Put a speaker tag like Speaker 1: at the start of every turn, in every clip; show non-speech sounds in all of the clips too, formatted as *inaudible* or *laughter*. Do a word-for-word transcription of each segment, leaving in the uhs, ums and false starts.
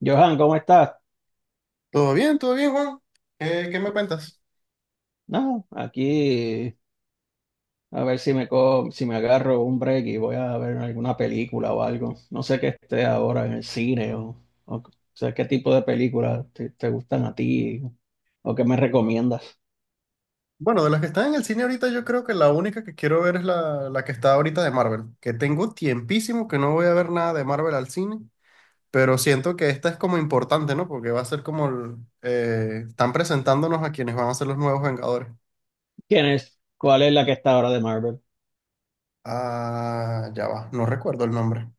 Speaker 1: Johan, ¿cómo estás?
Speaker 2: Todo bien, todo bien, Juan. ¿Qué, qué me cuentas?
Speaker 1: No, aquí a ver si me co- si me agarro un break y voy a ver alguna película o algo. No sé qué esté ahora en el cine o, o, o sea, qué tipo de películas te, te gustan a ti o qué me recomiendas.
Speaker 2: Bueno, de las que están en el cine ahorita, yo creo que la única que quiero ver es la, la que está ahorita de Marvel. Que tengo tiempísimo que no voy a ver nada de Marvel al cine, pero siento que esta es como importante, ¿no? Porque va a ser como el, eh, están presentándonos a quienes van a ser los nuevos Vengadores.
Speaker 1: ¿Quién es? ¿Cuál es la que está ahora de Marvel?
Speaker 2: Ah, ya va, no recuerdo el nombre.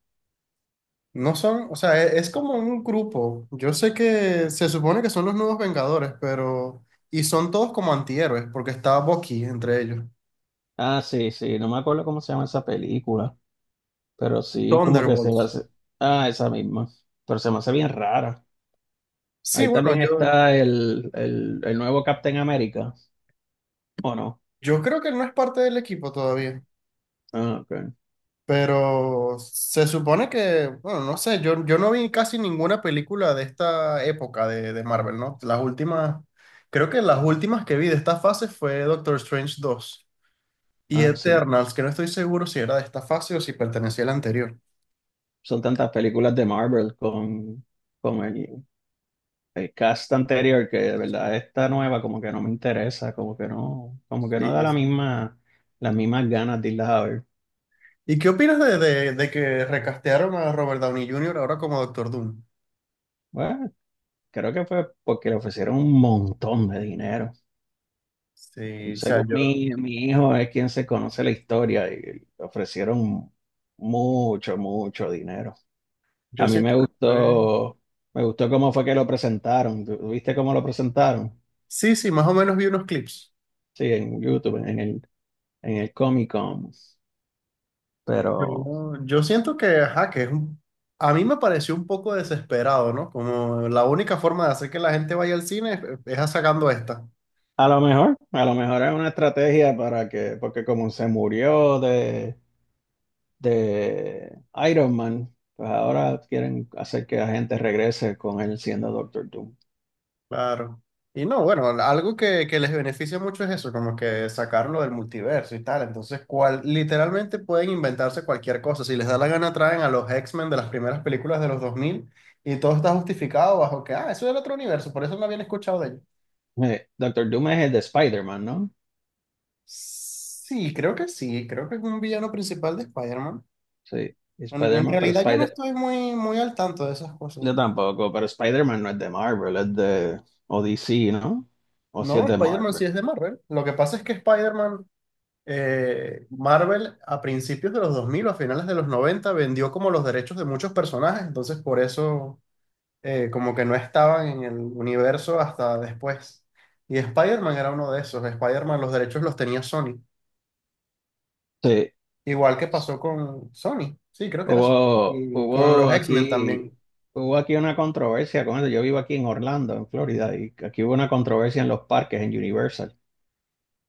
Speaker 2: No son, o sea, e- es, como un grupo. Yo sé que se supone que son los nuevos Vengadores, pero... Y son todos como antihéroes, porque está Bucky entre ellos.
Speaker 1: Ah, sí, sí, no me acuerdo cómo se llama esa película, pero sí, como que se va a
Speaker 2: Thunderbolts.
Speaker 1: hacer. Ah, esa misma, pero se me hace bien rara.
Speaker 2: Sí,
Speaker 1: Ahí
Speaker 2: bueno,
Speaker 1: también
Speaker 2: yo,
Speaker 1: está el, el, el nuevo Captain America, ¿o no?
Speaker 2: yo creo que él no es parte del equipo todavía,
Speaker 1: Ah, ok.
Speaker 2: pero se supone que, bueno, no sé, yo, yo no vi casi ninguna película de esta época de, de Marvel, ¿no? Las últimas, creo que las últimas que vi de esta fase fue Doctor Strange dos y
Speaker 1: Ah, sí.
Speaker 2: Eternals, que no estoy seguro si era de esta fase o si pertenecía a la anterior.
Speaker 1: Son tantas películas de Marvel con, con el, el cast anterior que de verdad esta nueva como que no me interesa, como que no, como que no da
Speaker 2: Sí,
Speaker 1: la
Speaker 2: sí.
Speaker 1: misma, las mismas ganas de irlas a ver.
Speaker 2: ¿Y qué opinas de, de, de que recastearon a Robert Downey Junior ahora como Doctor Doom?
Speaker 1: Bueno, creo que fue porque le ofrecieron un montón de dinero.
Speaker 2: Sí, o sea,
Speaker 1: Según
Speaker 2: sí. yo,
Speaker 1: mi, mi hijo es quien se conoce la historia y le ofrecieron mucho, mucho dinero.
Speaker 2: yo
Speaker 1: A mí me
Speaker 2: siento que fue.
Speaker 1: gustó, me gustó cómo fue que lo presentaron. ¿Tú- ¿Viste cómo lo presentaron?
Speaker 2: Sí, sí, más o menos vi unos clips.
Speaker 1: Sí, en YouTube, en el en el Comic Con. Pero
Speaker 2: Yo, yo siento que, ajá, que es un- a mí me pareció un poco desesperado, ¿no? Como la única forma de hacer que la gente vaya al cine es, es sacando esta.
Speaker 1: a lo mejor, a lo mejor es una estrategia para que, porque como se murió de, de Iron Man, pues ahora quieren hacer que la gente regrese con él siendo Doctor Doom.
Speaker 2: Claro. Y no, bueno, algo que, que les beneficia mucho es eso, como que sacarlo del multiverso y tal. Entonces, cual, literalmente pueden inventarse cualquier cosa. Si les da la gana, traen a los X-Men de las primeras películas de los dos mil y todo está justificado bajo que, ah, eso era otro universo, por eso no habían escuchado de ellos.
Speaker 1: Eh, Doctor Doom es el de Spider-Man, ¿no?
Speaker 2: Sí, creo que sí, creo que es un villano principal de Spider-Man.
Speaker 1: Sí, y
Speaker 2: En, en
Speaker 1: Spider-Man, pero
Speaker 2: realidad yo no
Speaker 1: Spider,
Speaker 2: estoy muy, muy al tanto de esas cosas.
Speaker 1: yo tampoco, pero Spider-Man no es de Marvel, es de, o D C, ¿no? O si
Speaker 2: No,
Speaker 1: es de
Speaker 2: Spider-Man sí
Speaker 1: Marvel.
Speaker 2: es de Marvel. Lo que pasa es que Spider-Man, eh, Marvel a principios de los dos mil o a finales de los noventa vendió como los derechos de muchos personajes, entonces por eso eh, como que no estaban en el universo hasta después. Y Spider-Man era uno de esos. Spider-Man los derechos los tenía Sony.
Speaker 1: Sí,
Speaker 2: Igual que pasó con Sony, sí, creo que era Sony.
Speaker 1: Hubo,
Speaker 2: Y con los
Speaker 1: hubo
Speaker 2: X-Men
Speaker 1: aquí,
Speaker 2: también.
Speaker 1: hubo aquí una controversia con eso. Yo vivo aquí en Orlando, en Florida, y aquí hubo una controversia en los parques, en Universal,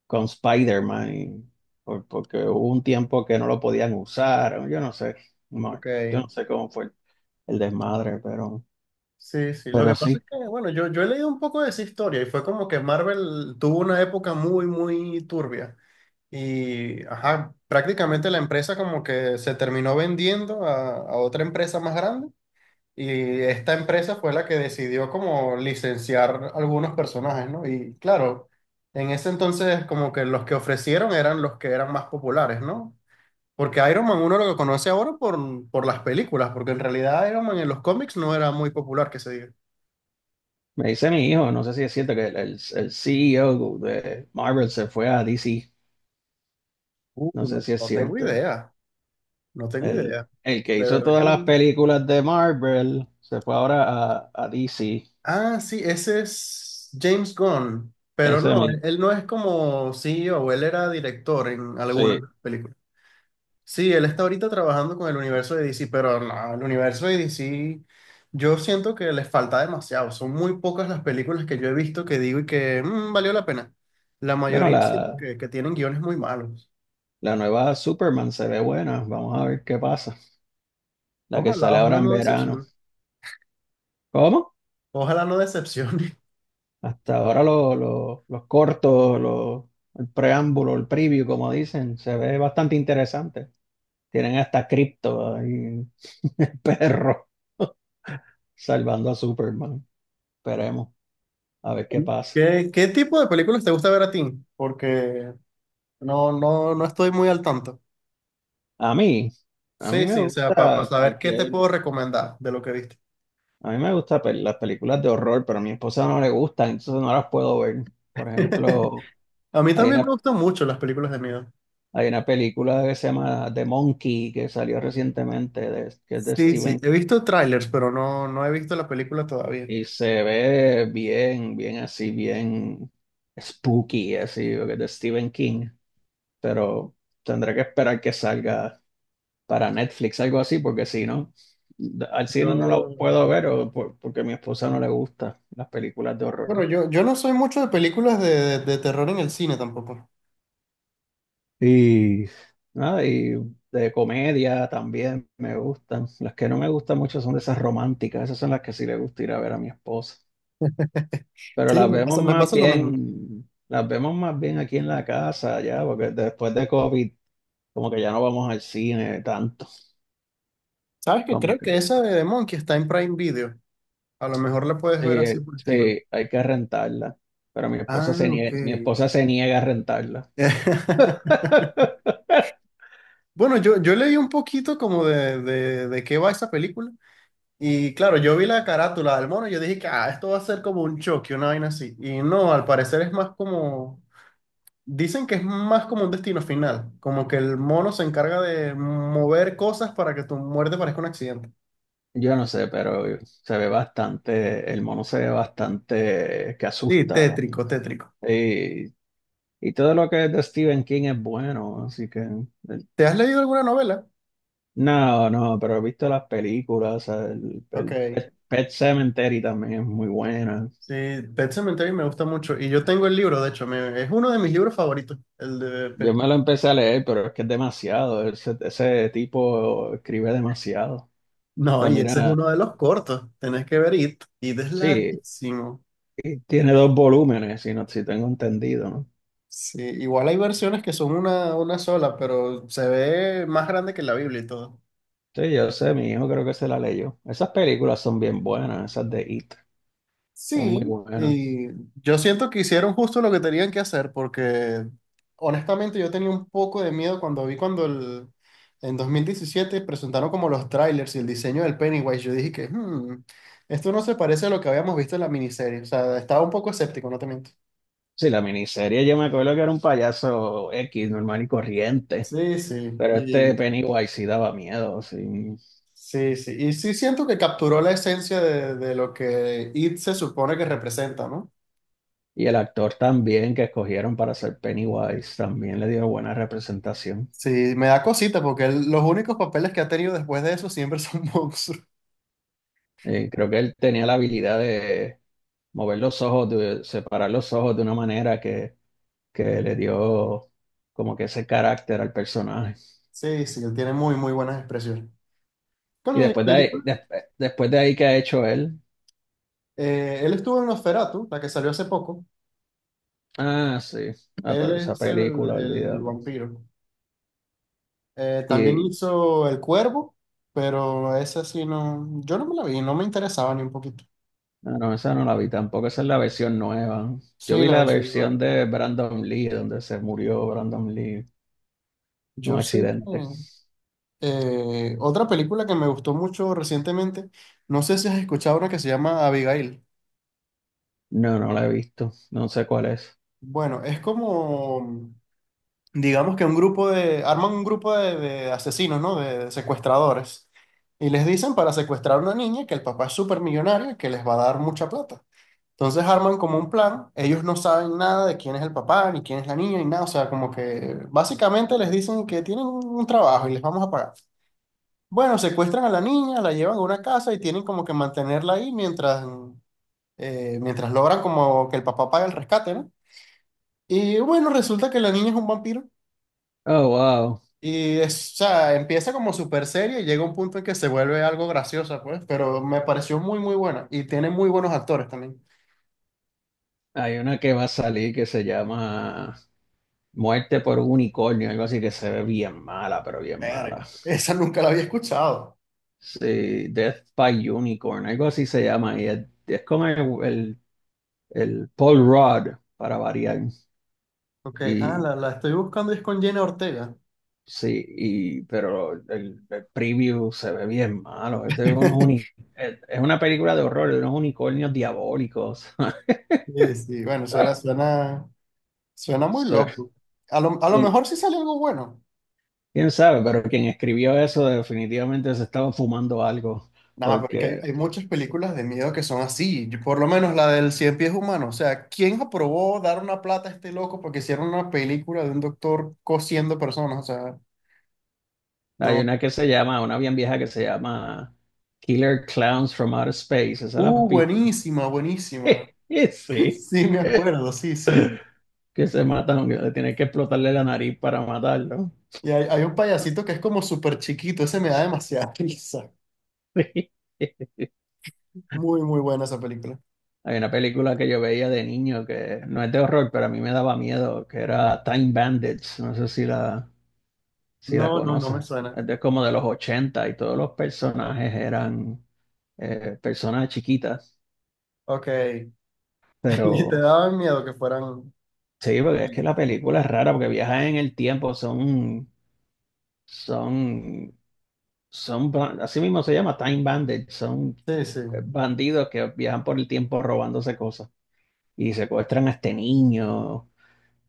Speaker 1: con Spider-Man, y- por- porque hubo un tiempo que no lo podían usar. O yo no sé, no,
Speaker 2: Ok,
Speaker 1: yo no sé cómo fue el desmadre, pero,
Speaker 2: sí, sí. Lo
Speaker 1: pero
Speaker 2: que pasa es
Speaker 1: sí.
Speaker 2: que, bueno, yo, yo he leído un poco de esa historia y fue como que Marvel tuvo una época muy, muy turbia. Y, ajá, prácticamente la empresa como que se terminó vendiendo a, a otra empresa más grande y esta empresa fue la que decidió como licenciar algunos personajes, ¿no? Y claro, en ese entonces como que los que ofrecieron eran los que eran más populares, ¿no? Porque Iron Man uno lo que conoce ahora por, por las películas, porque en realidad Iron Man en los cómics no era muy popular, que se diga.
Speaker 1: Me dice mi hijo, no sé si es cierto que el, el, el C E O de Marvel se fue a D C.
Speaker 2: Uh,
Speaker 1: No
Speaker 2: no,
Speaker 1: sé si es
Speaker 2: no tengo
Speaker 1: cierto.
Speaker 2: idea, no tengo
Speaker 1: El,
Speaker 2: idea.
Speaker 1: el que
Speaker 2: De
Speaker 1: hizo
Speaker 2: verdad que
Speaker 1: todas las
Speaker 2: no.
Speaker 1: películas de Marvel se fue ahora a, a D C.
Speaker 2: Ah, sí, ese es James Gunn, pero
Speaker 1: Ese es
Speaker 2: no,
Speaker 1: mi,
Speaker 2: él no es como C E o él era director en
Speaker 1: sí.
Speaker 2: alguna película. Sí, él está ahorita trabajando con el universo de D C, pero no, el universo de D C, yo siento que les falta demasiado. Son muy pocas las películas que yo he visto que digo y que "Mm, valió la pena. La
Speaker 1: Bueno,
Speaker 2: mayoría siento
Speaker 1: la,
Speaker 2: que, que tienen guiones muy malos.
Speaker 1: la nueva Superman se ve buena. Vamos a ver qué pasa. La que
Speaker 2: Ojalá,
Speaker 1: sale ahora
Speaker 2: ojalá
Speaker 1: en
Speaker 2: no
Speaker 1: verano.
Speaker 2: decepcione.
Speaker 1: ¿Cómo?
Speaker 2: Ojalá no decepcione.
Speaker 1: Hasta ahora lo- lo- los cortos, lo- el preámbulo, el preview, como dicen, se ve bastante interesante. Tienen hasta cripto ahí, *laughs* el perro, salvando a Superman. Esperemos a ver qué
Speaker 2: *laughs*
Speaker 1: pasa.
Speaker 2: ¿Qué, qué tipo de películas te gusta ver a ti? Porque no, no, no estoy muy al tanto.
Speaker 1: A mí, a mí
Speaker 2: Sí,
Speaker 1: me
Speaker 2: sí, o sea, para
Speaker 1: gusta
Speaker 2: saber qué te
Speaker 1: cualquier.
Speaker 2: puedo recomendar de lo que viste.
Speaker 1: A mí me gustan pel- las películas de horror, pero a mi esposa no le gustan, entonces no las puedo ver. Por
Speaker 2: *laughs*
Speaker 1: ejemplo,
Speaker 2: A mí
Speaker 1: hay
Speaker 2: también me
Speaker 1: una,
Speaker 2: gustan mucho las películas de miedo.
Speaker 1: hay una película que se llama The Monkey, que salió recientemente, de- que es de
Speaker 2: Sí, sí,
Speaker 1: Steven,
Speaker 2: he visto trailers, pero no, no he visto la película todavía.
Speaker 1: y se ve bien, bien así, bien spooky, así, porque es de Stephen King, pero tendré que esperar que salga para Netflix, algo así, porque si no, al cine no la
Speaker 2: Yo,
Speaker 1: puedo ver o por- porque a mi esposa no le gustan las películas de horror.
Speaker 2: bueno, yo, yo no soy mucho de películas de, de- de terror en el cine tampoco.
Speaker 1: Y nada, y de comedia también me gustan. Las que no me gustan mucho son de esas románticas, esas son las que sí le gusta ir a ver a mi esposa. Pero
Speaker 2: Sí,
Speaker 1: las
Speaker 2: me
Speaker 1: vemos
Speaker 2: pasa, me
Speaker 1: más
Speaker 2: pasa lo mismo.
Speaker 1: bien, las vemos más bien aquí en la casa ya, porque después de COVID, como que ya no vamos al cine tanto.
Speaker 2: ¿Sabes qué?
Speaker 1: Como
Speaker 2: Creo
Speaker 1: que
Speaker 2: que esa de The Monkey está en Prime Video. A lo mejor la puedes ver así
Speaker 1: sí,
Speaker 2: por streaming.
Speaker 1: sí, hay que rentarla. Pero mi esposa
Speaker 2: Ah,
Speaker 1: se
Speaker 2: ok.
Speaker 1: niega, mi esposa se niega a rentarla.
Speaker 2: *laughs*
Speaker 1: *laughs*
Speaker 2: Bueno, yo, yo leí un poquito como de, de, de qué va esa película. Y claro, yo vi la carátula del mono y yo dije que ah, esto va a ser como un choque, una vaina así. Y no, al parecer es más como dicen que es más como un destino final, como que el mono se encarga de mover cosas para que tu muerte parezca un accidente.
Speaker 1: Yo no sé, pero se ve bastante, el mono se ve bastante que
Speaker 2: Sí,
Speaker 1: asusta. Y,
Speaker 2: tétrico, tétrico.
Speaker 1: y- y todo lo que es de Stephen King es bueno, así que... el-
Speaker 2: ¿Te has leído alguna novela?
Speaker 1: No, no, pero he visto las películas, o sea, el, el
Speaker 2: Ok.
Speaker 1: Pet Pet Cemetery también es muy buena.
Speaker 2: Sí, Pet Sematary me gusta mucho y yo tengo el libro, de hecho, me- es uno de mis libros favoritos, el de
Speaker 1: Yo
Speaker 2: Pet-
Speaker 1: me lo empecé a leer, pero es que es demasiado, ese, ese tipo escribe demasiado. O
Speaker 2: No,
Speaker 1: sea,
Speaker 2: y ese es
Speaker 1: mira,
Speaker 2: uno de los cortos, tenés que ver It. It es
Speaker 1: sí,
Speaker 2: larguísimo.
Speaker 1: y tiene dos volúmenes, si, no, si tengo entendido, ¿no?
Speaker 2: Sí, igual hay versiones que son una, una sola, pero se ve más grande que la Biblia y todo.
Speaker 1: Sí, yo sé, mi hijo creo que se la leyó. Esas películas son bien buenas, esas de It, son muy
Speaker 2: Sí,
Speaker 1: buenas.
Speaker 2: y yo siento que hicieron justo lo que tenían que hacer, porque honestamente yo tenía un poco de miedo cuando vi cuando el, en dos mil diecisiete presentaron como los trailers y el diseño del Pennywise. Yo dije que "Hmm, esto no se parece a lo que habíamos visto en la miniserie. O sea, estaba un poco escéptico, no te miento.
Speaker 1: Sí, la miniserie yo me acuerdo que era un payaso X, normal y corriente,
Speaker 2: Sí, sí,
Speaker 1: pero este
Speaker 2: y,
Speaker 1: Pennywise sí daba miedo, sí.
Speaker 2: sí, sí. Y sí siento que capturó la esencia de, de lo que It se supone que representa, ¿no?
Speaker 1: Y el actor también que escogieron para ser Pennywise también le dio buena representación.
Speaker 2: Sí, me da cosita porque él- los únicos papeles que ha tenido después de eso siempre *laughs* son monstruos.
Speaker 1: Eh, creo que él tenía la habilidad de mover los ojos, de separar los ojos de una manera que, que le dio como que ese carácter al personaje.
Speaker 2: Sí, sí, él tiene muy, muy buenas expresiones. Con
Speaker 1: Y
Speaker 2: mi
Speaker 1: después de ahí,
Speaker 2: película,
Speaker 1: des- después de ahí, ¿qué ha hecho él?
Speaker 2: eh, Él estuvo en Nosferatu, la que salió hace poco.
Speaker 1: Ah, sí. Ah,
Speaker 2: Él
Speaker 1: pero esa
Speaker 2: es el,
Speaker 1: película,
Speaker 2: el
Speaker 1: olvídalo.
Speaker 2: vampiro. Eh, también
Speaker 1: Y
Speaker 2: hizo El Cuervo, pero esa sí no, yo no me la vi, no me interesaba ni un poquito.
Speaker 1: ah, no, esa no la vi tampoco, esa es la versión nueva. Yo
Speaker 2: Sí,
Speaker 1: vi
Speaker 2: la
Speaker 1: la
Speaker 2: versión nueva.
Speaker 1: versión de Brandon Lee, donde se murió Brandon Lee en
Speaker 2: Yo
Speaker 1: un
Speaker 2: sé que
Speaker 1: accidente.
Speaker 2: eh, otra película que me gustó mucho recientemente, no sé si has escuchado una que se llama Abigail.
Speaker 1: No, no la he visto, no sé cuál es.
Speaker 2: Bueno, es como digamos que un grupo de, arman un grupo de, de asesinos, ¿no? De, de secuestradores. Y les dicen para secuestrar a una niña que el papá es súper millonario y que les va a dar mucha plata. Entonces arman como un plan, ellos no saben nada de quién es el papá, ni quién es la niña, ni nada, o sea, como que básicamente les dicen que tienen un un trabajo y les vamos a pagar. Bueno, secuestran a la niña, la llevan a una casa y tienen como que mantenerla ahí mientras, eh, mientras logran como que el papá pague el rescate, ¿no? Y bueno, resulta que la niña es un vampiro.
Speaker 1: Oh, wow.
Speaker 2: Y es, o sea, empieza como súper seria y llega un punto en que se vuelve algo graciosa, pues, pero me pareció muy, muy buena. Y tiene muy buenos actores también.
Speaker 1: Hay una que va a salir que se llama Muerte por un unicornio, algo así que se ve bien mala, pero bien
Speaker 2: Verga,
Speaker 1: mala.
Speaker 2: esa nunca la había escuchado.
Speaker 1: Sí, Death by Unicorn, algo así se llama. Y es, es con el, el el Paul Rudd, para variar.
Speaker 2: Ok, ah,
Speaker 1: Y
Speaker 2: la, la estoy buscando y es con Jenna Ortega.
Speaker 1: sí, y, pero el, el preview se ve bien malo. Este es, unos uni-
Speaker 2: *laughs*
Speaker 1: es es una película de horror, de unos unicornios diabólicos. *laughs*
Speaker 2: Sí, sí, bueno, suena, suena, suena muy
Speaker 1: Sí.
Speaker 2: loco. A lo, a lo
Speaker 1: ¿Quién,
Speaker 2: mejor sí sale algo bueno.
Speaker 1: ¿quién sabe? Pero quien escribió eso definitivamente se estaba fumando algo,
Speaker 2: Nada, pero es que hay,
Speaker 1: porque
Speaker 2: hay muchas películas de miedo que son así. Yo- por lo menos la del Cien Pies Humano. O sea, ¿quién aprobó dar una plata a este loco porque hicieron una película de un doctor cosiendo personas? O sea.
Speaker 1: hay
Speaker 2: No.
Speaker 1: una que se llama, una bien vieja que se llama Killer Clowns from Outer Space, ¿esa la has
Speaker 2: Uh,
Speaker 1: visto?
Speaker 2: buenísima, buenísima.
Speaker 1: *laughs*
Speaker 2: *clears throat*
Speaker 1: Sí.
Speaker 2: *laughs* Sí, me
Speaker 1: *laughs*
Speaker 2: acuerdo, sí, sí.
Speaker 1: que se matan, que le tienen que explotarle la nariz para matarlo.
Speaker 2: Y hay, hay un payasito que es como súper chiquito, ese me da demasiada *laughs* risa.
Speaker 1: *laughs*
Speaker 2: Muy, muy buena esa película.
Speaker 1: Hay una película que yo veía de niño que no es de horror, pero a mí me daba miedo, que era Time Bandits. No sé si la, si la
Speaker 2: No, no, no me
Speaker 1: conoces.
Speaker 2: suena.
Speaker 1: Es de como de los ochenta y todos los personajes eran eh, personas chiquitas.
Speaker 2: Ok. *laughs* Y te
Speaker 1: Pero
Speaker 2: daban miedo que fueran
Speaker 1: sí, porque es que
Speaker 2: pequeños.
Speaker 1: la película es rara porque viajan en el tiempo, son, son, son, ba- así mismo se llama Time Bandits, son
Speaker 2: Sí, sí.
Speaker 1: eh, bandidos que viajan por el tiempo robándose cosas. Y secuestran a este niño.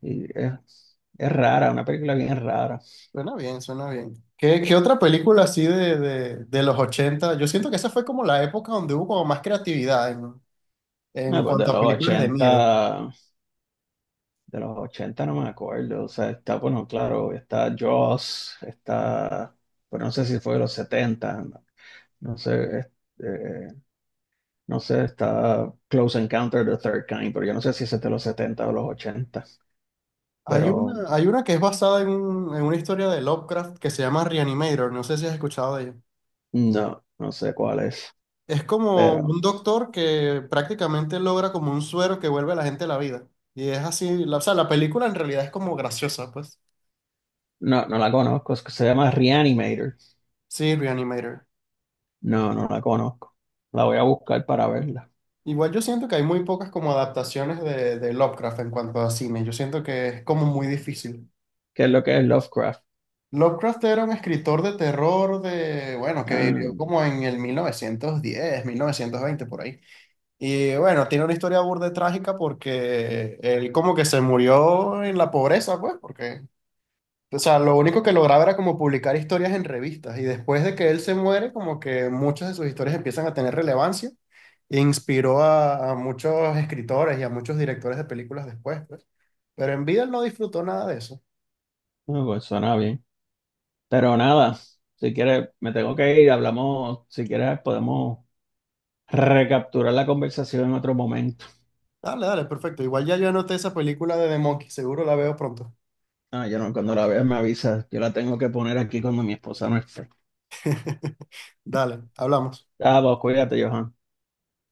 Speaker 1: Y es, es rara, una película bien rara.
Speaker 2: Suena bien, suena bien. ¿Qué, qué otra película así de, de, de los ochenta? Yo siento que esa fue como la época donde hubo como más creatividad en, en,
Speaker 1: No, pues de
Speaker 2: cuanto a
Speaker 1: los
Speaker 2: películas de miedo.
Speaker 1: ochenta de los ochenta no me acuerdo. O sea, está, bueno, claro, está Jaws, está, pero no sé si fue de los setenta no, no sé, es- eh, no sé, está Close Encounter of the Third Kind, pero yo no sé si ese es de los setenta o los ochenta
Speaker 2: Hay
Speaker 1: pero
Speaker 2: una, hay una que es basada en, un- en una historia de Lovecraft que se llama Reanimator, no sé si has escuchado de ella.
Speaker 1: no, no sé cuál es,
Speaker 2: Es como
Speaker 1: pero
Speaker 2: un doctor que prácticamente logra como un suero que vuelve a la gente a la vida. Y es así, la- o sea, la película en realidad es como graciosa, pues.
Speaker 1: no, no la conozco, es que se llama Reanimator.
Speaker 2: Sí, Reanimator.
Speaker 1: No, no la conozco. La voy a buscar para verla.
Speaker 2: Igual yo siento que hay muy pocas como adaptaciones de, de Lovecraft en cuanto a cine. Yo siento que es como muy difícil.
Speaker 1: ¿Qué es lo que es Lovecraft?
Speaker 2: Lovecraft era un escritor de terror de, bueno, que
Speaker 1: Ah,
Speaker 2: vivió como en el mil mil novecientos diez mil novecientos veinte por ahí. Y bueno, tiene una historia burda de trágica porque él como que se murió en la pobreza, pues, porque, o sea, lo único que lograba era como publicar historias en revistas y después de que él se muere, como que muchas de sus historias empiezan a tener relevancia e inspiró a, a muchos escritores y a muchos directores de películas después, pues. Pero en vida él no disfrutó nada de eso.
Speaker 1: ah, pues suena bien. Pero nada, si quieres, me tengo que ir. Hablamos, si quieres, podemos recapturar la conversación en otro momento.
Speaker 2: Dale, dale, perfecto. Igual ya yo anoté esa película de The Monkey, seguro la veo pronto.
Speaker 1: Ah, yo no, cuando la veas me avisas. Yo la tengo que poner aquí cuando mi esposa no esté.
Speaker 2: *laughs* Dale, hablamos.
Speaker 1: Ah, pues cuídate, Johan.